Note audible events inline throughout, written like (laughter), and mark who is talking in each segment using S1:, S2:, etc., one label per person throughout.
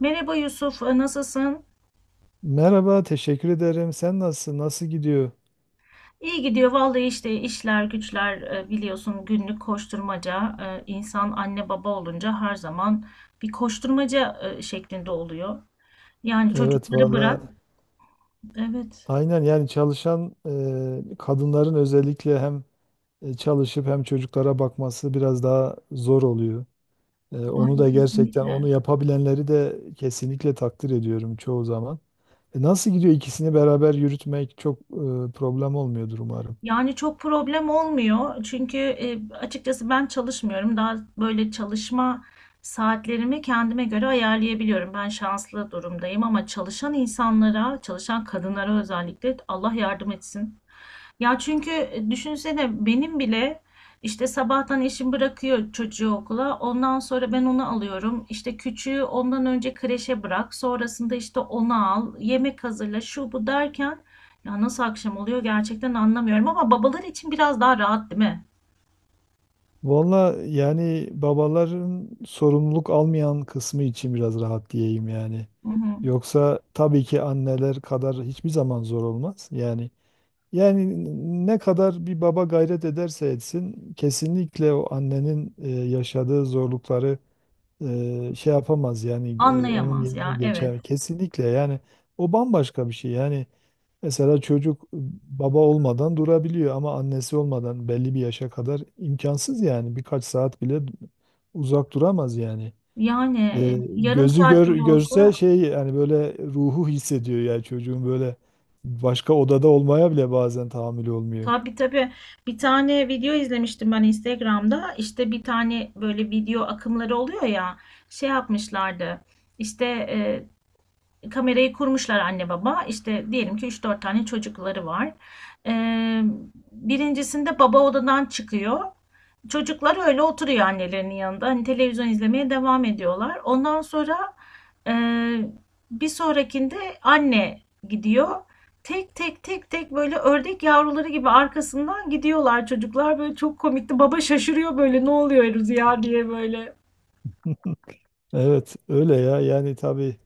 S1: Merhaba Yusuf, nasılsın?
S2: Merhaba, teşekkür ederim. Sen nasılsın? Nasıl gidiyor?
S1: İyi gidiyor vallahi işte işler güçler biliyorsun günlük koşturmaca insan anne baba olunca her zaman bir koşturmaca şeklinde oluyor. Yani
S2: Evet
S1: çocukları
S2: valla
S1: bırak. Evet,
S2: aynen yani çalışan kadınların özellikle hem çalışıp hem çocuklara bakması biraz daha zor oluyor. Onu
S1: yani
S2: da gerçekten onu
S1: kesinlikle.
S2: yapabilenleri de kesinlikle takdir ediyorum çoğu zaman. Nasıl gidiyor ikisini beraber yürütmek çok problem olmuyordur umarım.
S1: Yani çok problem olmuyor çünkü açıkçası ben çalışmıyorum. Daha böyle çalışma saatlerimi kendime göre ayarlayabiliyorum. Ben şanslı durumdayım ama çalışan insanlara, çalışan kadınlara özellikle Allah yardım etsin. Ya çünkü düşünsene benim bile işte sabahtan eşim bırakıyor çocuğu okula. Ondan sonra ben onu alıyorum. İşte küçüğü ondan önce kreşe bırak. Sonrasında işte onu al. Yemek hazırla şu bu derken ya nasıl akşam oluyor gerçekten anlamıyorum. Ama babalar için biraz daha rahat değil mi?
S2: Valla yani babaların sorumluluk almayan kısmı için biraz rahat diyeyim yani.
S1: Hı hı.
S2: Yoksa tabii ki anneler kadar hiçbir zaman zor olmaz. Yani ne kadar bir baba gayret ederse etsin kesinlikle o annenin yaşadığı zorlukları şey yapamaz yani onun
S1: Anlayamaz
S2: yerine
S1: ya, evet.
S2: geçer. Kesinlikle yani o bambaşka bir şey yani. Mesela çocuk baba olmadan durabiliyor ama annesi olmadan belli bir yaşa kadar imkansız yani. Birkaç saat bile uzak duramaz yani.
S1: Yani yarım
S2: Gözü
S1: saat bile olsa.
S2: görse şey yani böyle ruhu hissediyor yani çocuğun böyle başka odada olmaya bile bazen tahammülü olmuyor.
S1: Tabii, tabii. Bir tane video izlemiştim ben Instagram'da. İşte bir tane böyle video akımları oluyor ya. Şey yapmışlardı. İşte kamerayı kurmuşlar anne baba. İşte diyelim ki üç dört tane çocukları var. Ee, birincisinde baba odadan çıkıyor. Çocuklar öyle oturuyor annelerinin yanında. Hani televizyon izlemeye devam ediyorlar. Ondan sonra e, bir sonrakinde anne gidiyor. Tek tek tek tek böyle ördek yavruları gibi arkasından gidiyorlar çocuklar. Böyle çok komikti. Baba şaşırıyor böyle, ne oluyoruz ya, diye böyle.
S2: (laughs) Evet öyle ya yani tabii.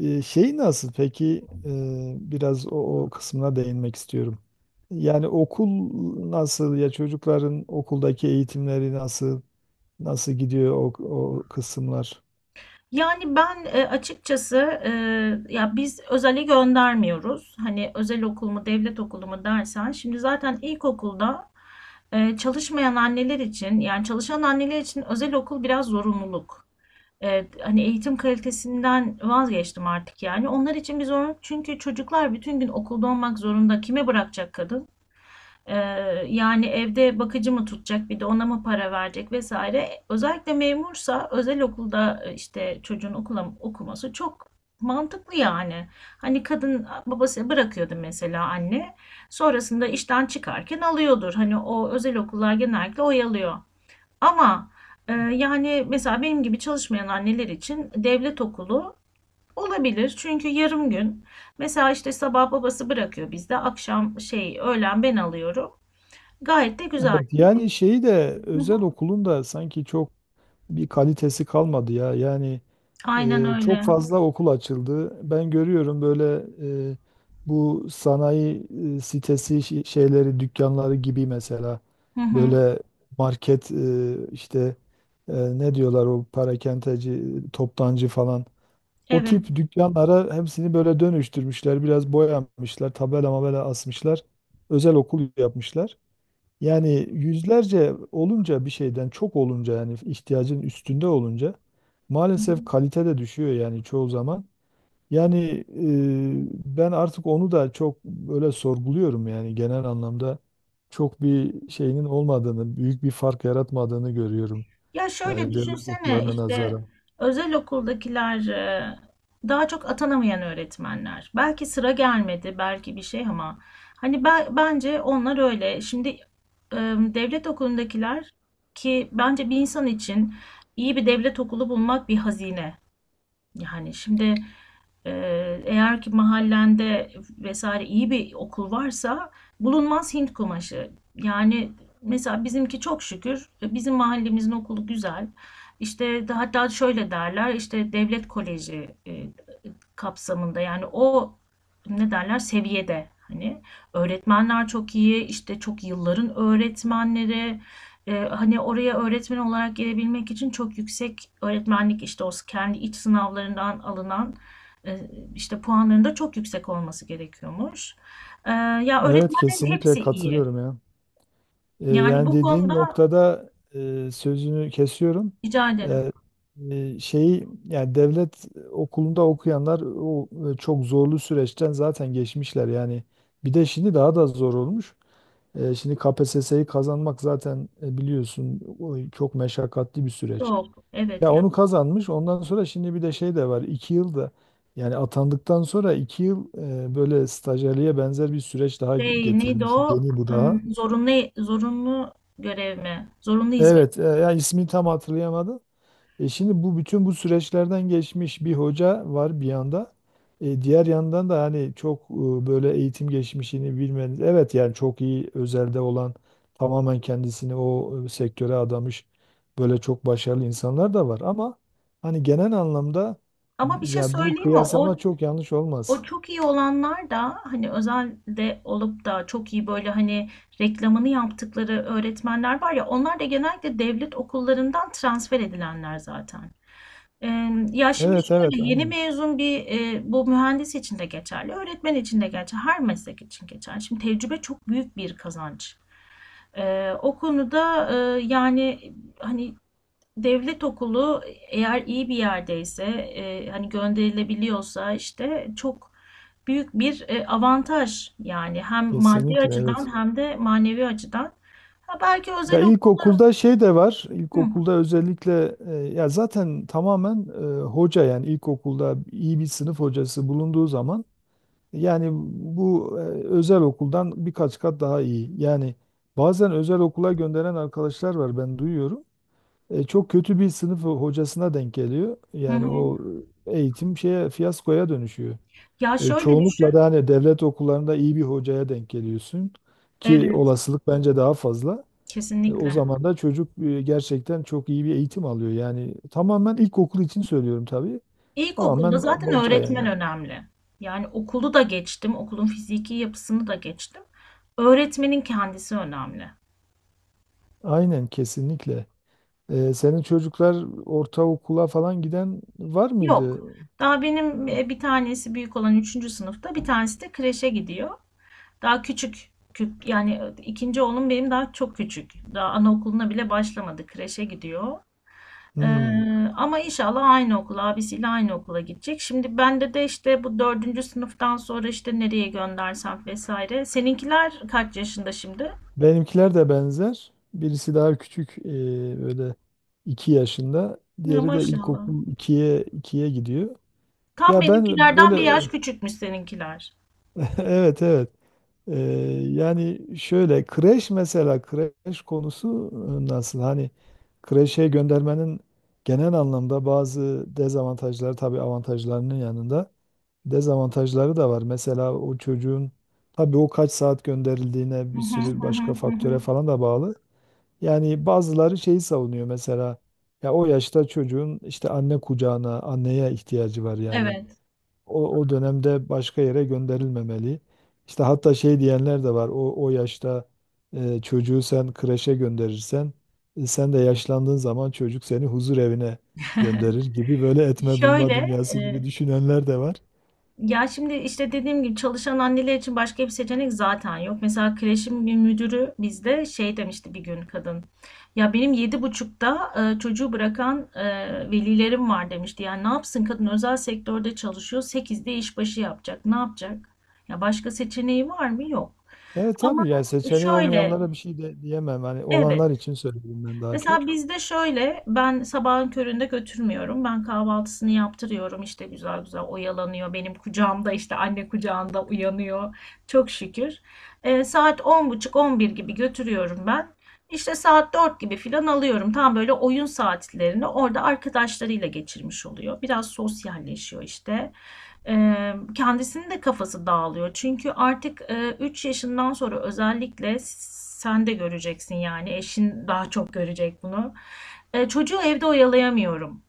S2: Şey nasıl peki? Biraz o kısmına değinmek istiyorum. Yani okul nasıl ya, çocukların okuldaki eğitimleri nasıl? Nasıl gidiyor o kısımlar?
S1: Yani ben açıkçası e, ya biz özele göndermiyoruz. Hani özel okul mu devlet okulu mu dersen şimdi zaten ilkokulda çalışmayan anneler için yani çalışan anneler için özel okul biraz zorunluluk. Hani eğitim kalitesinden vazgeçtim artık yani. Onlar için bir zorunluluk çünkü çocuklar bütün gün okulda olmak zorunda. Kime bırakacak kadın? Ee, yani evde bakıcı mı tutacak, bir de ona mı para verecek vesaire. Özellikle memursa özel okulda işte çocuğun okula okuması çok mantıklı yani. Hani kadın babası bırakıyordu mesela, anne sonrasında işten çıkarken alıyordur. Hani o özel okullar genellikle oyalıyor. Ama yani mesela benim gibi çalışmayan anneler için devlet okulu olabilir. Çünkü yarım gün mesela işte sabah babası bırakıyor bizde, akşam şey, öğlen ben alıyorum. Gayet de güzel.
S2: Evet, yani şeyi de
S1: Hı hı.
S2: özel okulun da sanki çok bir kalitesi kalmadı ya. Yani
S1: Aynen
S2: çok
S1: öyle.
S2: fazla okul açıldı. Ben görüyorum böyle e, bu sanayi sitesi şeyleri, dükkanları gibi mesela
S1: Hı hı.
S2: böyle market işte ne diyorlar o parakendeci, toptancı falan. O
S1: Evet.
S2: tip dükkanlara hepsini böyle dönüştürmüşler. Biraz boyamışlar, tabela mabela asmışlar. Özel okul yapmışlar. Yani yüzlerce olunca, bir şeyden çok olunca yani ihtiyacın üstünde olunca
S1: Hı
S2: maalesef
S1: hı.
S2: kalite de düşüyor yani çoğu zaman. Yani ben artık onu da çok böyle sorguluyorum yani genel anlamda çok bir şeyinin olmadığını, büyük bir fark yaratmadığını görüyorum.
S1: Ya şöyle
S2: Yani devlet
S1: düşünsene
S2: okullarına
S1: işte
S2: nazaran.
S1: özel okuldakiler daha çok atanamayan öğretmenler. Belki sıra gelmedi, belki bir şey, ama hani ben, bence onlar öyle. Şimdi devlet okulundakiler, ki bence bir insan için iyi bir devlet okulu bulmak bir hazine. Yani şimdi eğer ki mahallende vesaire iyi bir okul varsa bulunmaz Hint kumaşı. Yani mesela bizimki, çok şükür, bizim mahallemizin okulu güzel. İşte hatta şöyle derler işte devlet koleji kapsamında, yani o ne derler seviyede hani öğretmenler çok iyi, işte çok yılların öğretmenleri, hani oraya öğretmen olarak gelebilmek için çok yüksek öğretmenlik işte o kendi iç sınavlarından alınan işte puanların da çok yüksek olması gerekiyormuş. Ya
S2: Evet
S1: öğretmenlerin
S2: kesinlikle
S1: hepsi iyi.
S2: katılıyorum ya.
S1: Yani
S2: Yani
S1: bu
S2: dediğin
S1: konuda
S2: noktada sözünü kesiyorum.
S1: rica ederim.
S2: E, şeyi yani devlet okulunda okuyanlar o çok zorlu süreçten zaten geçmişler yani. Bir de şimdi daha da zor olmuş. Şimdi KPSS'yi kazanmak zaten biliyorsun o çok meşakkatli bir süreç.
S1: Çok, evet
S2: Ya
S1: ya.
S2: onu kazanmış. Ondan sonra şimdi bir de şey de var. İki yılda yani atandıktan sonra iki yıl böyle stajyerliğe benzer bir süreç daha
S1: Şey neydi
S2: getirilmiş.
S1: o?
S2: Yeni bu daha.
S1: Zorunlu görev mi? Zorunlu hizmet.
S2: Evet, ya ismini tam hatırlayamadım. E şimdi bu bütün bu süreçlerden geçmiş bir hoca var bir yanda. Diğer yandan da hani çok böyle eğitim geçmişini bilmeniz. Evet yani çok iyi özelde olan tamamen kendisini o sektöre adamış böyle çok başarılı insanlar da var ama hani genel anlamda
S1: Ama bir şey
S2: yani bu
S1: söyleyeyim mi? O
S2: kıyaslama çok yanlış
S1: o
S2: olmaz.
S1: çok iyi olanlar da, hani özelde olup da çok iyi böyle hani reklamını yaptıkları öğretmenler var ya, onlar da genellikle devlet okullarından transfer edilenler zaten. Ya şimdi
S2: Evet evet
S1: şöyle, yeni
S2: aynı.
S1: mezun bir bu mühendis için de geçerli, öğretmen için de geçerli, her meslek için geçerli. Şimdi tecrübe çok büyük bir kazanç. O konuda yani hani devlet okulu eğer iyi bir yerdeyse, hani gönderilebiliyorsa işte çok büyük bir avantaj yani, hem maddi
S2: Kesinlikle evet.
S1: açıdan hem de manevi açıdan. Ha, belki özel
S2: Ya
S1: okul.
S2: ilkokulda şey de var.
S1: Hı,
S2: İlkokulda özellikle ya zaten tamamen hoca, yani ilkokulda iyi bir sınıf hocası bulunduğu zaman yani bu özel okuldan birkaç kat daha iyi. Yani bazen özel okula gönderen arkadaşlar var, ben duyuyorum. Çok kötü bir sınıf hocasına denk geliyor.
S1: hı
S2: Yani o
S1: hı.
S2: eğitim şeye, fiyaskoya dönüşüyor.
S1: Ya şöyle
S2: Çoğunlukla
S1: düşün.
S2: da hani devlet okullarında iyi bir hocaya denk geliyorsun ki
S1: Evet,
S2: olasılık bence daha fazla. O
S1: kesinlikle.
S2: zaman da çocuk gerçekten çok iyi bir eğitim alıyor. Yani tamamen ilkokul için söylüyorum tabii. Tamamen
S1: İlkokulda zaten
S2: hoca
S1: öğretmen
S2: yani.
S1: önemli. Yani okulu da geçtim, okulun fiziki yapısını da geçtim. Öğretmenin kendisi önemli.
S2: Aynen kesinlikle. Senin çocuklar ortaokula falan giden var
S1: Yok.
S2: mıydı?
S1: Daha benim bir tanesi büyük olan üçüncü sınıfta, bir tanesi de kreşe gidiyor. Daha küçük. Yani ikinci oğlum benim daha çok küçük. Daha anaokuluna bile başlamadı. Kreşe gidiyor. Ee,
S2: Hmm.
S1: ama inşallah aynı okula, abisiyle aynı okula gidecek. Şimdi bende de işte bu dördüncü sınıftan sonra işte nereye göndersem vesaire. Seninkiler kaç yaşında şimdi?
S2: Benimkiler de benzer. Birisi daha küçük, böyle 2 yaşında.
S1: Ya,
S2: Diğeri de
S1: maşallah.
S2: ilkokul ikiye gidiyor.
S1: Tam
S2: Ya ben
S1: benimkilerden bir yaş
S2: böyle
S1: küçükmüş seninkiler.
S2: (laughs) evet evet. Ee, yani şöyle kreş, mesela kreş konusu nasıl? Hani kreşe göndermenin genel anlamda bazı dezavantajları, tabii avantajlarının yanında dezavantajları da var. Mesela o çocuğun, tabii o kaç saat gönderildiğine,
S1: Hı
S2: bir
S1: hı
S2: sürü
S1: hı
S2: başka
S1: hı hı.
S2: faktöre
S1: Hı.
S2: falan da bağlı. Yani bazıları şeyi savunuyor mesela, ya o yaşta çocuğun işte anne kucağına, anneye ihtiyacı var yani
S1: Evet.
S2: o dönemde başka yere gönderilmemeli. İşte hatta şey diyenler de var. O yaşta çocuğu sen kreşe gönderirsen sen de yaşlandığın zaman çocuk seni huzur evine gönderir gibi, böyle
S1: (laughs)
S2: etme bulma
S1: Şöyle,
S2: dünyası gibi
S1: e,
S2: düşünenler de var.
S1: ya şimdi işte dediğim gibi çalışan anneler için başka bir seçenek zaten yok. Mesela kreşin bir müdürü bizde şey demişti bir gün kadın. Ya benim 7.30'da çocuğu bırakan velilerim var, demişti. Yani ne yapsın kadın, özel sektörde çalışıyor. 8'de işbaşı yapacak. Ne yapacak? Ya başka seçeneği var mı? Yok.
S2: Evet
S1: Ama
S2: tabii yani seçeneği
S1: şöyle,
S2: olmayanlara bir şey de diyemem. Hani olanlar
S1: evet.
S2: için söyledim ben daha
S1: Mesela
S2: çok.
S1: bizde şöyle, ben sabahın köründe götürmüyorum. Ben kahvaltısını yaptırıyorum. İşte güzel güzel oyalanıyor. Benim kucağımda, işte anne kucağında uyanıyor. Çok şükür. Saat on buçuk on bir gibi götürüyorum ben. İşte saat 4 gibi filan alıyorum. Tam böyle oyun saatlerini orada arkadaşlarıyla geçirmiş oluyor. Biraz sosyalleşiyor işte. Kendisinin de kafası dağılıyor. Çünkü artık 3 yaşından sonra özellikle sen de göreceksin, yani eşin daha çok görecek bunu. Çocuğu evde oyalayamıyorum.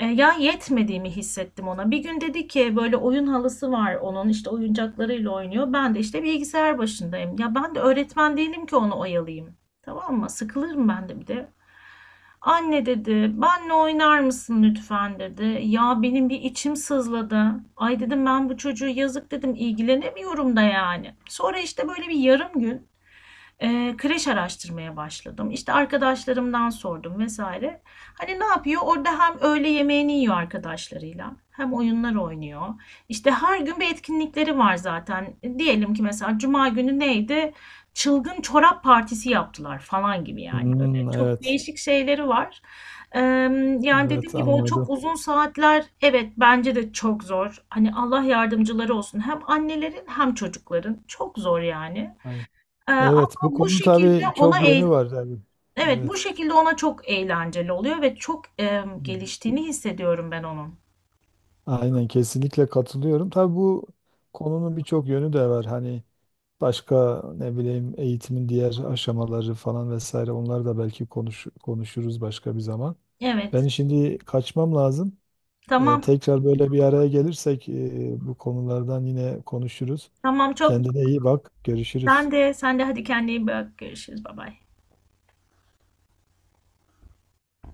S1: Ya, yetmediğimi hissettim ona. Bir gün dedi ki, böyle oyun halısı var onun, işte oyuncaklarıyla oynuyor. Ben de işte bilgisayar başındayım. Ya ben de öğretmen değilim ki onu oyalayayım. Tamam mı? Sıkılırım ben de bir de. Anne dedi, benle oynar mısın lütfen, dedi. Ya benim bir içim sızladı. Ay dedim, ben bu çocuğu, yazık, dedim, ilgilenemiyorum da yani. Sonra işte böyle bir yarım gün kreş araştırmaya başladım. İşte arkadaşlarımdan sordum vesaire. Hani ne yapıyor? Orada hem öğle yemeğini yiyor arkadaşlarıyla, hem oyunlar oynuyor. İşte her gün bir etkinlikleri var zaten. Diyelim ki mesela Cuma günü neydi? Çılgın çorap partisi yaptılar falan gibi yani. Öyle
S2: Hmm,
S1: çok
S2: evet.
S1: değişik şeyleri var. Yani dediğim
S2: Evet
S1: gibi o çok
S2: anladım.
S1: uzun saatler, evet bence de çok zor. Hani Allah yardımcıları olsun, hem annelerin hem çocukların çok zor yani.
S2: Aynen.
S1: Ama
S2: Evet bu
S1: bu
S2: konu
S1: şekilde
S2: tabii
S1: ona
S2: çok yönü var tabii.
S1: evet bu
S2: Evet.
S1: şekilde ona çok eğlenceli oluyor ve çok
S2: Hmm.
S1: geliştiğini hissediyorum ben onun.
S2: Aynen kesinlikle katılıyorum. Tabii bu konunun birçok yönü de var. Hani başka ne bileyim, eğitimin diğer aşamaları falan vesaire, onları da belki konuşuruz başka bir zaman. Ben
S1: Evet.
S2: şimdi kaçmam lazım.
S1: Tamam.
S2: Tekrar böyle bir araya gelirsek bu konulardan yine konuşuruz.
S1: Tamam, çok.
S2: Kendine iyi bak.
S1: Sen
S2: Görüşürüz.
S1: de, sen de, hadi kendine iyi bak. Görüşürüz. Bay bay.